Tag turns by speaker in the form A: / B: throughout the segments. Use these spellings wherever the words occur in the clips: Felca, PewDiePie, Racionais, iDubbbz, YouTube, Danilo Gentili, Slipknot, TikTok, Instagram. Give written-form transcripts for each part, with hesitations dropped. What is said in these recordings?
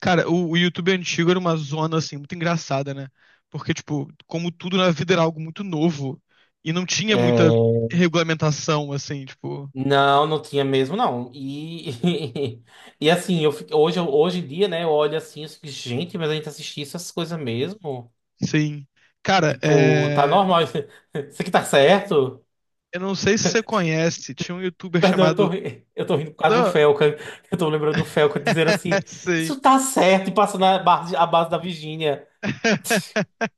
A: Cara, o YouTube antigo era uma zona, assim, muito engraçada, né? Porque, tipo, como tudo na vida era algo muito novo e não tinha muita
B: É,
A: regulamentação, assim, tipo,
B: não, não tinha mesmo, não. E, e assim, hoje, hoje em dia, né, eu olho assim, eu fico, gente, mas a gente assistia essas coisas mesmo?
A: sim. Cara,
B: Tipo, tá
A: é...
B: normal, isso aqui tá certo?
A: eu não sei se você conhece, tinha um YouTuber
B: Perdão,
A: chamado.
B: eu tô rindo por causa do
A: Não,
B: Felca. Eu tô lembrando do Felca dizer assim,
A: sim.
B: isso tá certo, e passando a base da Virgínia.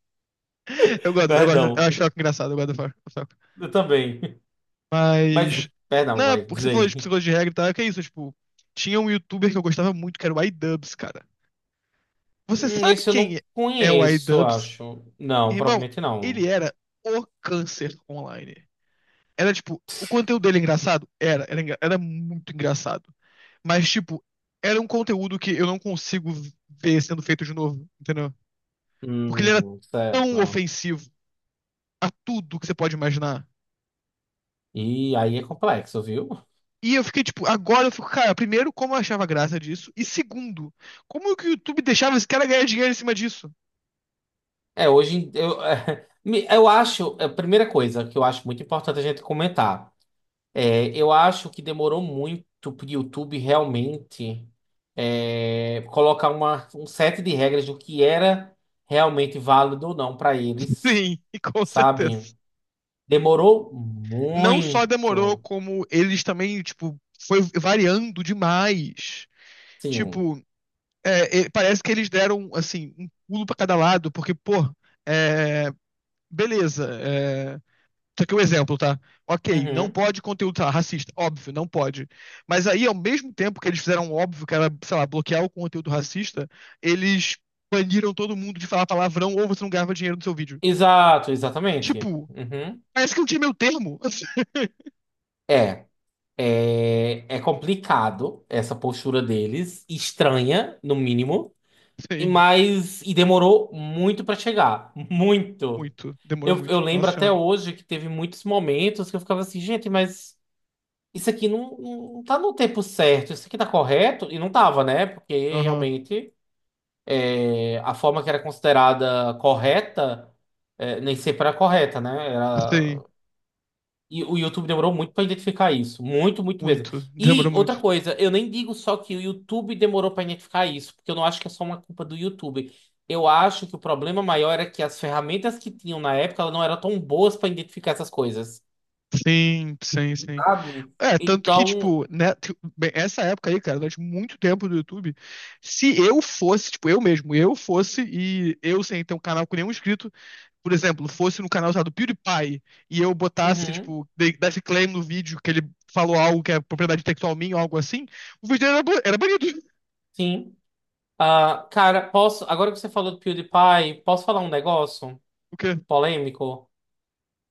A: Eu gosto, eu gosto, eu
B: Perdão,
A: acho ela engraçado, eu gosto do Falco, do Falco.
B: eu também. Mas,
A: Mas.
B: perdão,
A: Não, é
B: vai,
A: porque
B: diz
A: você falou de
B: aí.
A: psicologia de regra e tal, é que é isso, tipo, tinha um YouTuber que eu gostava muito, que era o iDubbbz, cara. Você sabe
B: Esse eu não
A: quem é o
B: conheço, eu
A: iDubbbz?
B: acho. Não,
A: Irmão,
B: provavelmente
A: ele
B: não.
A: era o câncer online. Era tipo, o conteúdo dele é engraçado? Era, era muito engraçado. Mas, tipo, era um conteúdo que eu não consigo ver sendo feito de novo, entendeu? Porque ele era tão
B: Certo.
A: ofensivo a tudo que você pode imaginar.
B: E aí é complexo, viu?
A: E eu fiquei, tipo, agora eu fico, cara, primeiro, como eu achava graça disso? E segundo, como que o YouTube deixava esse cara ganhar dinheiro em cima disso?
B: Eu, eu acho, a primeira coisa que eu acho muito importante a gente comentar, eu acho que demorou muito pro YouTube realmente colocar uma, um set de regras do que era realmente válido ou não para
A: Sim,
B: eles,
A: e com certeza.
B: sabe? Demorou
A: Não só demorou,
B: muito.
A: como eles também, tipo, foi variando demais.
B: Sim.
A: Tipo, parece que eles deram, assim, um pulo pra cada lado, porque, pô, é, beleza. É, isso aqui é um exemplo, tá? Ok, não
B: Uhum.
A: pode conteúdo sei lá, racista, óbvio, não pode. Mas aí, ao mesmo tempo que eles fizeram um óbvio que era, sei lá, bloquear o conteúdo racista, eles baniram todo mundo de falar palavrão ou você não ganhava dinheiro no seu vídeo.
B: Exato, exatamente.
A: Tipo,
B: Uhum.
A: parece que não tinha meu termo.
B: É. É, é complicado essa postura deles, estranha, no mínimo, e
A: Sim,
B: mas e demorou muito pra chegar, muito.
A: muito. Demorou
B: Eu
A: muito.
B: lembro
A: Nossa
B: até
A: senhora.
B: hoje que teve muitos momentos que eu ficava assim, gente, mas isso aqui não, não tá no tempo certo, isso aqui tá correto? E não tava, né? Porque
A: Aham.
B: realmente a forma que era considerada correta, nem sempre era correta, né? Era.
A: Sim,
B: E o YouTube demorou muito para identificar isso. Muito, muito mesmo.
A: muito.
B: E
A: Demorou
B: outra
A: muito.
B: coisa, eu nem digo só que o YouTube demorou para identificar isso, porque eu não acho que é só uma culpa do YouTube. Eu acho que o problema maior era que as ferramentas que tinham na época elas não eram tão boas para identificar essas coisas.
A: Sim, sim, sim.
B: Sabe?
A: É, tanto que,
B: Então,
A: tipo, né, bem, essa época aí, cara, durante muito tempo do YouTube, se eu fosse, tipo, eu mesmo, eu fosse e eu sem ter um canal com nenhum inscrito, por exemplo, fosse no canal usado PewDiePie e eu botasse,
B: uhum,
A: tipo, desse claim no vídeo que ele falou algo que é propriedade intelectual minha ou algo assim, o vídeo era, era banido.
B: sim. Ah, cara, posso. Agora que você falou do PewDiePie, posso falar um negócio
A: O quê?
B: polêmico?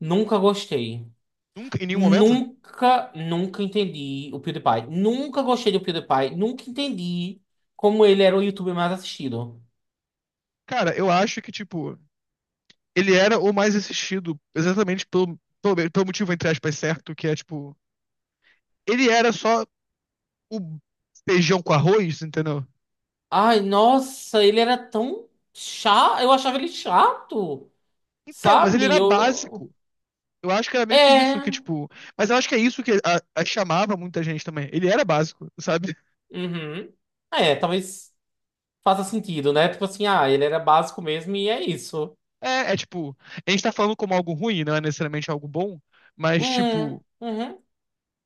B: Nunca gostei.
A: Nunca, em nenhum momento.
B: Nunca, nunca entendi o PewDiePie. Nunca gostei do PewDiePie. Nunca entendi como ele era o YouTuber mais assistido.
A: Cara, eu acho que, tipo, ele era o mais assistido exatamente pelo motivo, entre aspas, certo, que é, tipo, ele era só o feijão com arroz, entendeu?
B: Ai, nossa, ele era tão chato. Eu achava ele chato,
A: Então, mas ele
B: sabe?
A: era
B: Eu...
A: básico. Eu acho que era meio que isso, que
B: É.
A: tipo. Mas eu acho que é isso que chamava muita gente também. Ele era básico, sabe?
B: Uhum. É, talvez faça sentido, né? Tipo assim, ah, ele era básico mesmo e é isso.
A: É, é tipo. A gente tá falando como algo ruim, não é necessariamente algo bom, mas tipo.
B: Uhum.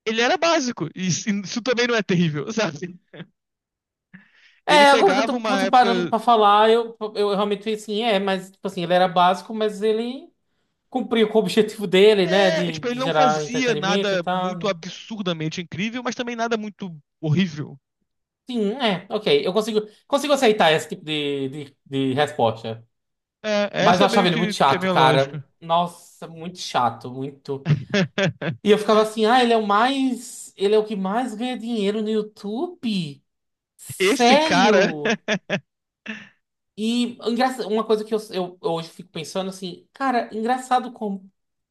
A: Ele era básico, e isso também não é terrível, sabe? Ele
B: É, agora
A: pegava
B: que eu
A: uma
B: tô parando
A: época.
B: pra falar, eu realmente fiquei assim, é, mas, tipo assim, ele era básico, mas ele cumpriu com o objetivo dele, né?
A: É, tipo, ele
B: De
A: não
B: gerar
A: fazia
B: entretenimento e
A: nada
B: tal.
A: muito
B: Né?
A: absurdamente incrível, mas também nada muito horrível.
B: Sim, é, ok. Eu consigo, consigo aceitar esse tipo de resposta.
A: É,
B: Mas
A: essa
B: eu
A: é
B: achava
A: meio
B: ele muito
A: que é a
B: chato,
A: minha
B: cara.
A: lógica.
B: Nossa, muito chato, muito. E eu ficava assim, ah, ele é o mais. Ele é o que mais ganha dinheiro no YouTube?
A: Esse cara.
B: Sério? E uma coisa que eu hoje fico pensando assim, cara, engraçado como.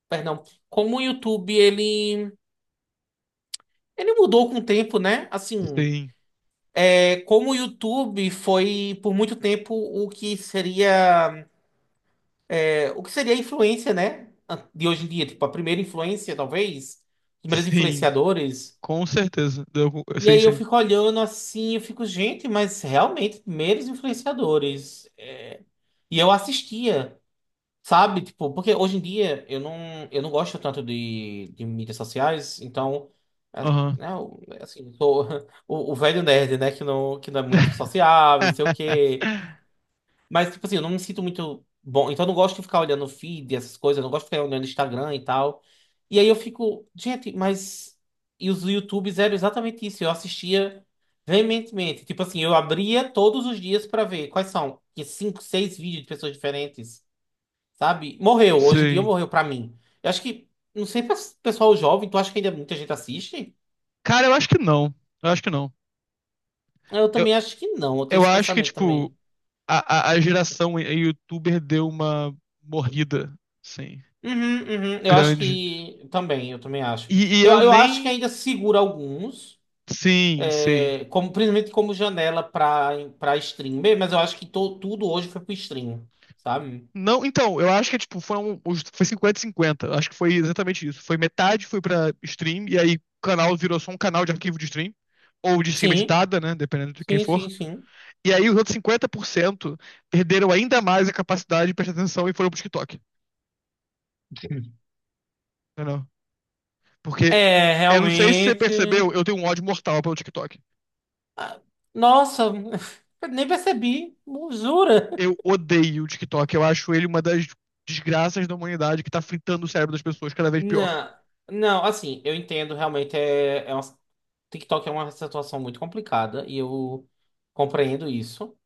B: Perdão, como o YouTube ele. Ele mudou com o tempo, né? Assim.
A: Sim,
B: Como o YouTube foi por muito tempo o que seria o que seria a influência, né? De hoje em dia, tipo, a primeira influência, talvez, os primeiros
A: sim,
B: influenciadores.
A: com certeza.
B: E
A: Sim,
B: aí eu
A: sim.
B: fico olhando assim, eu fico, gente, mas realmente, primeiros influenciadores. E eu assistia, sabe? Tipo, porque hoje em dia eu não gosto tanto de mídias sociais, então, é,
A: Aham.
B: né, assim, eu sou o velho nerd, né? Que não é muito sociável, não sei o quê. Mas, tipo assim, eu não me sinto muito bom. Então, eu não gosto de ficar olhando feed, essas coisas. Eu não gosto de ficar olhando Instagram e tal. E aí eu fico, gente, mas. E os YouTubes eram exatamente isso. Eu assistia veementemente. Tipo assim, eu abria todos os dias pra ver quais são. Tinha cinco, seis vídeos de pessoas diferentes, sabe? Morreu. Hoje em dia
A: Sim.
B: morreu pra mim. Eu acho que. Não sei, pra pessoal jovem, tu acha que ainda muita gente assiste?
A: Cara, eu acho que não. Eu acho que não.
B: Eu
A: Eu,
B: também acho que não. Eu tenho
A: eu
B: esse
A: acho que,
B: pensamento
A: tipo,
B: também.
A: a geração youtuber deu uma morrida, sim,
B: Uhum, uhum. Eu acho
A: grande.
B: que também, eu também acho.
A: E
B: Eu,
A: eu
B: eu acho que
A: nem.
B: ainda segura alguns,
A: Sim, sim.
B: como, principalmente como janela para stream, bem mas eu acho que tudo hoje foi pro stream, sabe?
A: Não, então, eu acho que tipo, foi 50 cinquenta. Eu acho que foi exatamente isso. Foi metade foi pra stream e aí o canal virou só um canal de arquivo de stream ou de cima
B: Sim,
A: editada, né, dependendo de quem
B: sim,
A: for.
B: sim, sim.
A: E aí os outros 50% perderam ainda mais a capacidade de prestar atenção e foram pro TikTok, entendeu? Porque
B: É,
A: eu não sei se você percebeu,
B: realmente.
A: eu tenho um ódio mortal pelo TikTok.
B: Ah, nossa, eu nem percebi, jura?
A: Eu odeio o TikTok, eu acho ele uma das desgraças da humanidade que tá fritando o cérebro das pessoas cada vez pior.
B: Não, não, assim, eu entendo, realmente é, é uma... TikTok é uma situação muito complicada e eu compreendo isso.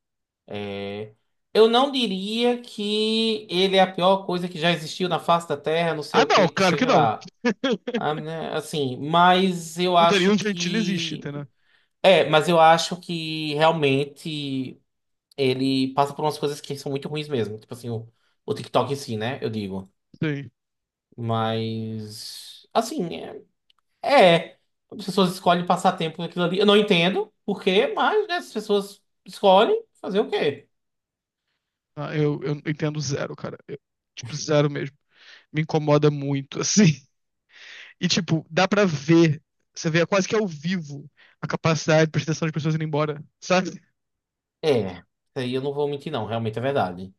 B: Eu não diria que ele é a pior coisa que já existiu na face da Terra, não sei
A: Ah,
B: o
A: não,
B: que, não
A: claro
B: sei o
A: que
B: que
A: não.
B: lá. Ah, né, assim, mas eu
A: O
B: acho
A: Danilo Gentili existe,
B: que.
A: entendeu?
B: É, mas eu acho que realmente ele passa por umas coisas que são muito ruins mesmo. Tipo assim, o TikTok em si, né? Eu digo.
A: Sim.
B: Mas. Assim, é. É. As pessoas escolhem passar tempo naquilo ali. Eu não entendo por quê, mas, né, as pessoas escolhem fazer o quê?
A: Ah, eu entendo zero, cara. Eu, tipo, zero mesmo. Me incomoda muito, assim. E, tipo, dá pra ver. Você vê é quase que ao vivo a capacidade de prestação das pessoas indo embora, sabe?
B: É. Isso aí eu não vou mentir, não. Realmente é verdade.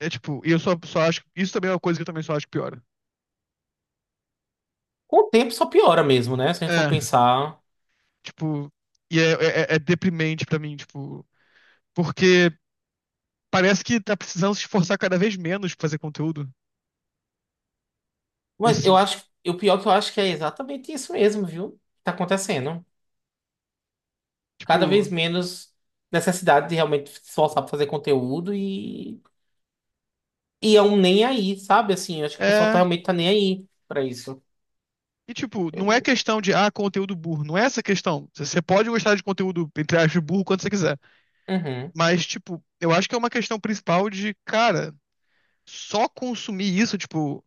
A: É tipo, e eu só acho. Isso também é uma coisa que eu também só acho que piora.
B: Com o tempo só piora mesmo, né? Se a gente for
A: É,
B: pensar.
A: tipo. E é deprimente pra mim, tipo. Porque parece que tá precisando se esforçar cada vez menos pra fazer conteúdo.
B: Mas
A: Nesse
B: eu
A: sentido.
B: acho. O pior que eu acho que é exatamente isso mesmo, viu? Que tá acontecendo. Cada
A: Tipo.
B: vez menos necessidade de realmente se esforçar pra fazer conteúdo e. E é um nem aí, sabe? Assim, eu acho que o pessoal tá,
A: É.
B: realmente tá nem aí pra isso.
A: E, tipo, não é questão de, ah, conteúdo burro. Não é essa a questão. Você pode gostar de conteúdo, entre aspas, burro quando você quiser.
B: Uhum,
A: Mas, tipo, eu acho que é uma questão principal de, cara, só consumir isso, tipo,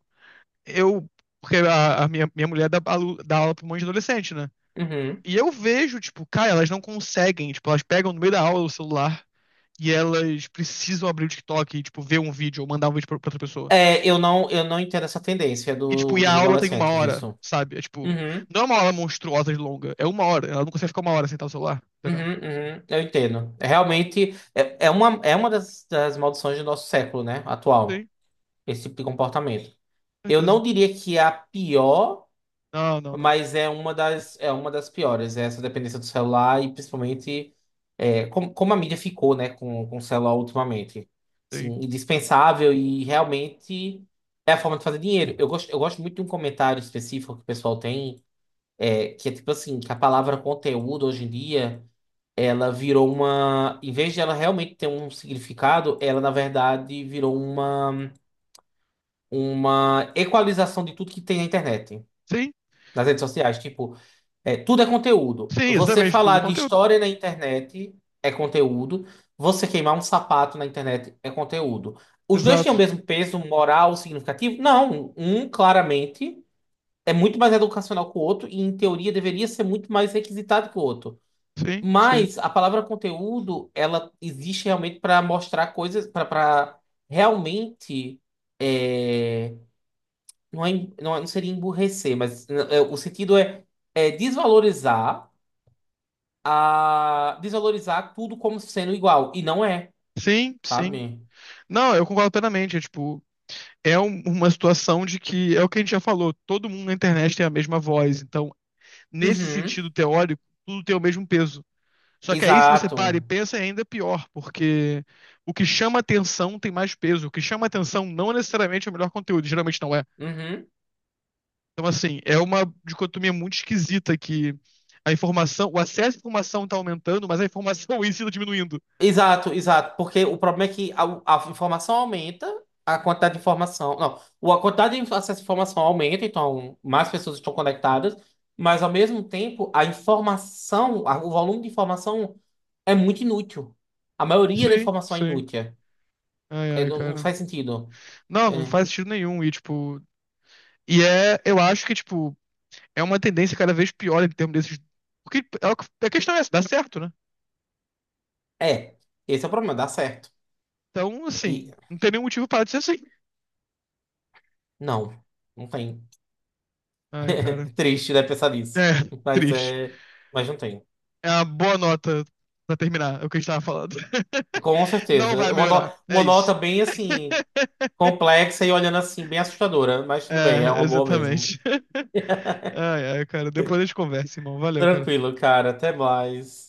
A: eu. Porque a minha mulher dá aula pra um monte de adolescente, né?
B: uhum.
A: E eu vejo, tipo, cara, elas não conseguem. Tipo, elas pegam no meio da aula o celular e elas precisam abrir o TikTok e, tipo, ver um vídeo ou mandar um vídeo pra outra pessoa.
B: É, eu não entendo essa tendência
A: E, tipo,
B: do,
A: e a
B: dos
A: aula tem uma
B: adolescentes
A: hora,
B: disso.
A: sabe? É tipo,
B: Uhum.
A: não é uma aula monstruosa de longa, é uma hora. Ela não consegue ficar uma hora sentada no celular,
B: Uhum,
A: entendeu?
B: uhum, eu entendo. É realmente é, é uma das, das maldições do nosso século, né? Atual.
A: Sim,
B: Esse tipo de comportamento. Eu não
A: certeza.
B: diria que é a pior,
A: Não, não, não.
B: mas é uma das piores, é essa dependência do celular e principalmente como, como a mídia ficou, né, com o celular ultimamente. Assim,
A: Sim.
B: indispensável e realmente é a forma de fazer dinheiro. Eu gosto muito de um comentário específico que o pessoal tem, que é tipo assim, que a palavra conteúdo hoje em dia, ela virou uma... Em vez de ela realmente ter um significado, ela na verdade virou uma equalização de tudo que tem na internet,
A: Sim,
B: nas redes sociais. Tipo, é, tudo é conteúdo.
A: sim,
B: Você
A: exatamente, tudo
B: falar
A: é
B: de
A: conteúdo.
B: história na internet é conteúdo. Você queimar um sapato na internet é conteúdo. Os dois têm o
A: Exato.
B: mesmo peso moral significativo? Não. Um, claramente, é muito mais educacional que o outro e, em teoria, deveria ser muito mais requisitado que o outro.
A: Sim, sim.
B: Mas a palavra conteúdo, ela existe realmente para mostrar coisas, para realmente. é, não, é, não, não seria emburrecer, mas é, o sentido é, é desvalorizar a desvalorizar tudo como sendo igual. E não é,
A: Sim, sim.
B: sabe?
A: Não, eu concordo plenamente. É, tipo, uma situação de que é o que a gente já falou, todo mundo na internet tem a mesma voz. Então, nesse
B: Uhum.
A: sentido teórico, tudo tem o mesmo peso. Só que aí, se você para
B: Exato.
A: e pensa, é ainda pior, porque o que chama atenção tem mais peso. O que chama atenção não é necessariamente é o melhor conteúdo, geralmente não é.
B: Uhum.
A: Então, assim, é uma dicotomia muito esquisita que a informação, o acesso à informação está aumentando, mas a informação em si tá diminuindo.
B: Exato, exato. Porque o problema é que a informação aumenta, a quantidade de informação. Não, a quantidade de acesso à informação aumenta, então mais pessoas estão conectadas, mas ao mesmo tempo a informação, o volume de informação é muito inútil. A maioria da
A: Sim,
B: informação é
A: sim.
B: inútil.
A: Ai,
B: É,
A: ai,
B: não, não
A: cara.
B: faz sentido.
A: Não, não faz sentido nenhum. E, tipo, e é, eu acho que, tipo, é uma tendência cada vez pior em termos desses. Porque é a questão é essa, dá certo, né?
B: É. É. Esse é o problema, dá certo.
A: Então,
B: E
A: assim, não tem nenhum motivo para ser assim.
B: não, não tem.
A: Ai,
B: É
A: cara.
B: triste, né, pensar nisso.
A: É,
B: Mas
A: triste.
B: é. Mas não tem.
A: É uma boa nota pra terminar é o que a gente tava falando.
B: Com
A: Não vai
B: certeza. Uma,
A: melhorar. É
B: uma nota
A: isso.
B: bem assim, complexa e olhando assim, bem assustadora. Mas tudo bem, é
A: É,
B: uma boa mesmo.
A: exatamente. Ai, ai, cara. Depois a gente conversa, irmão. Valeu, cara.
B: Tranquilo, cara. Até mais.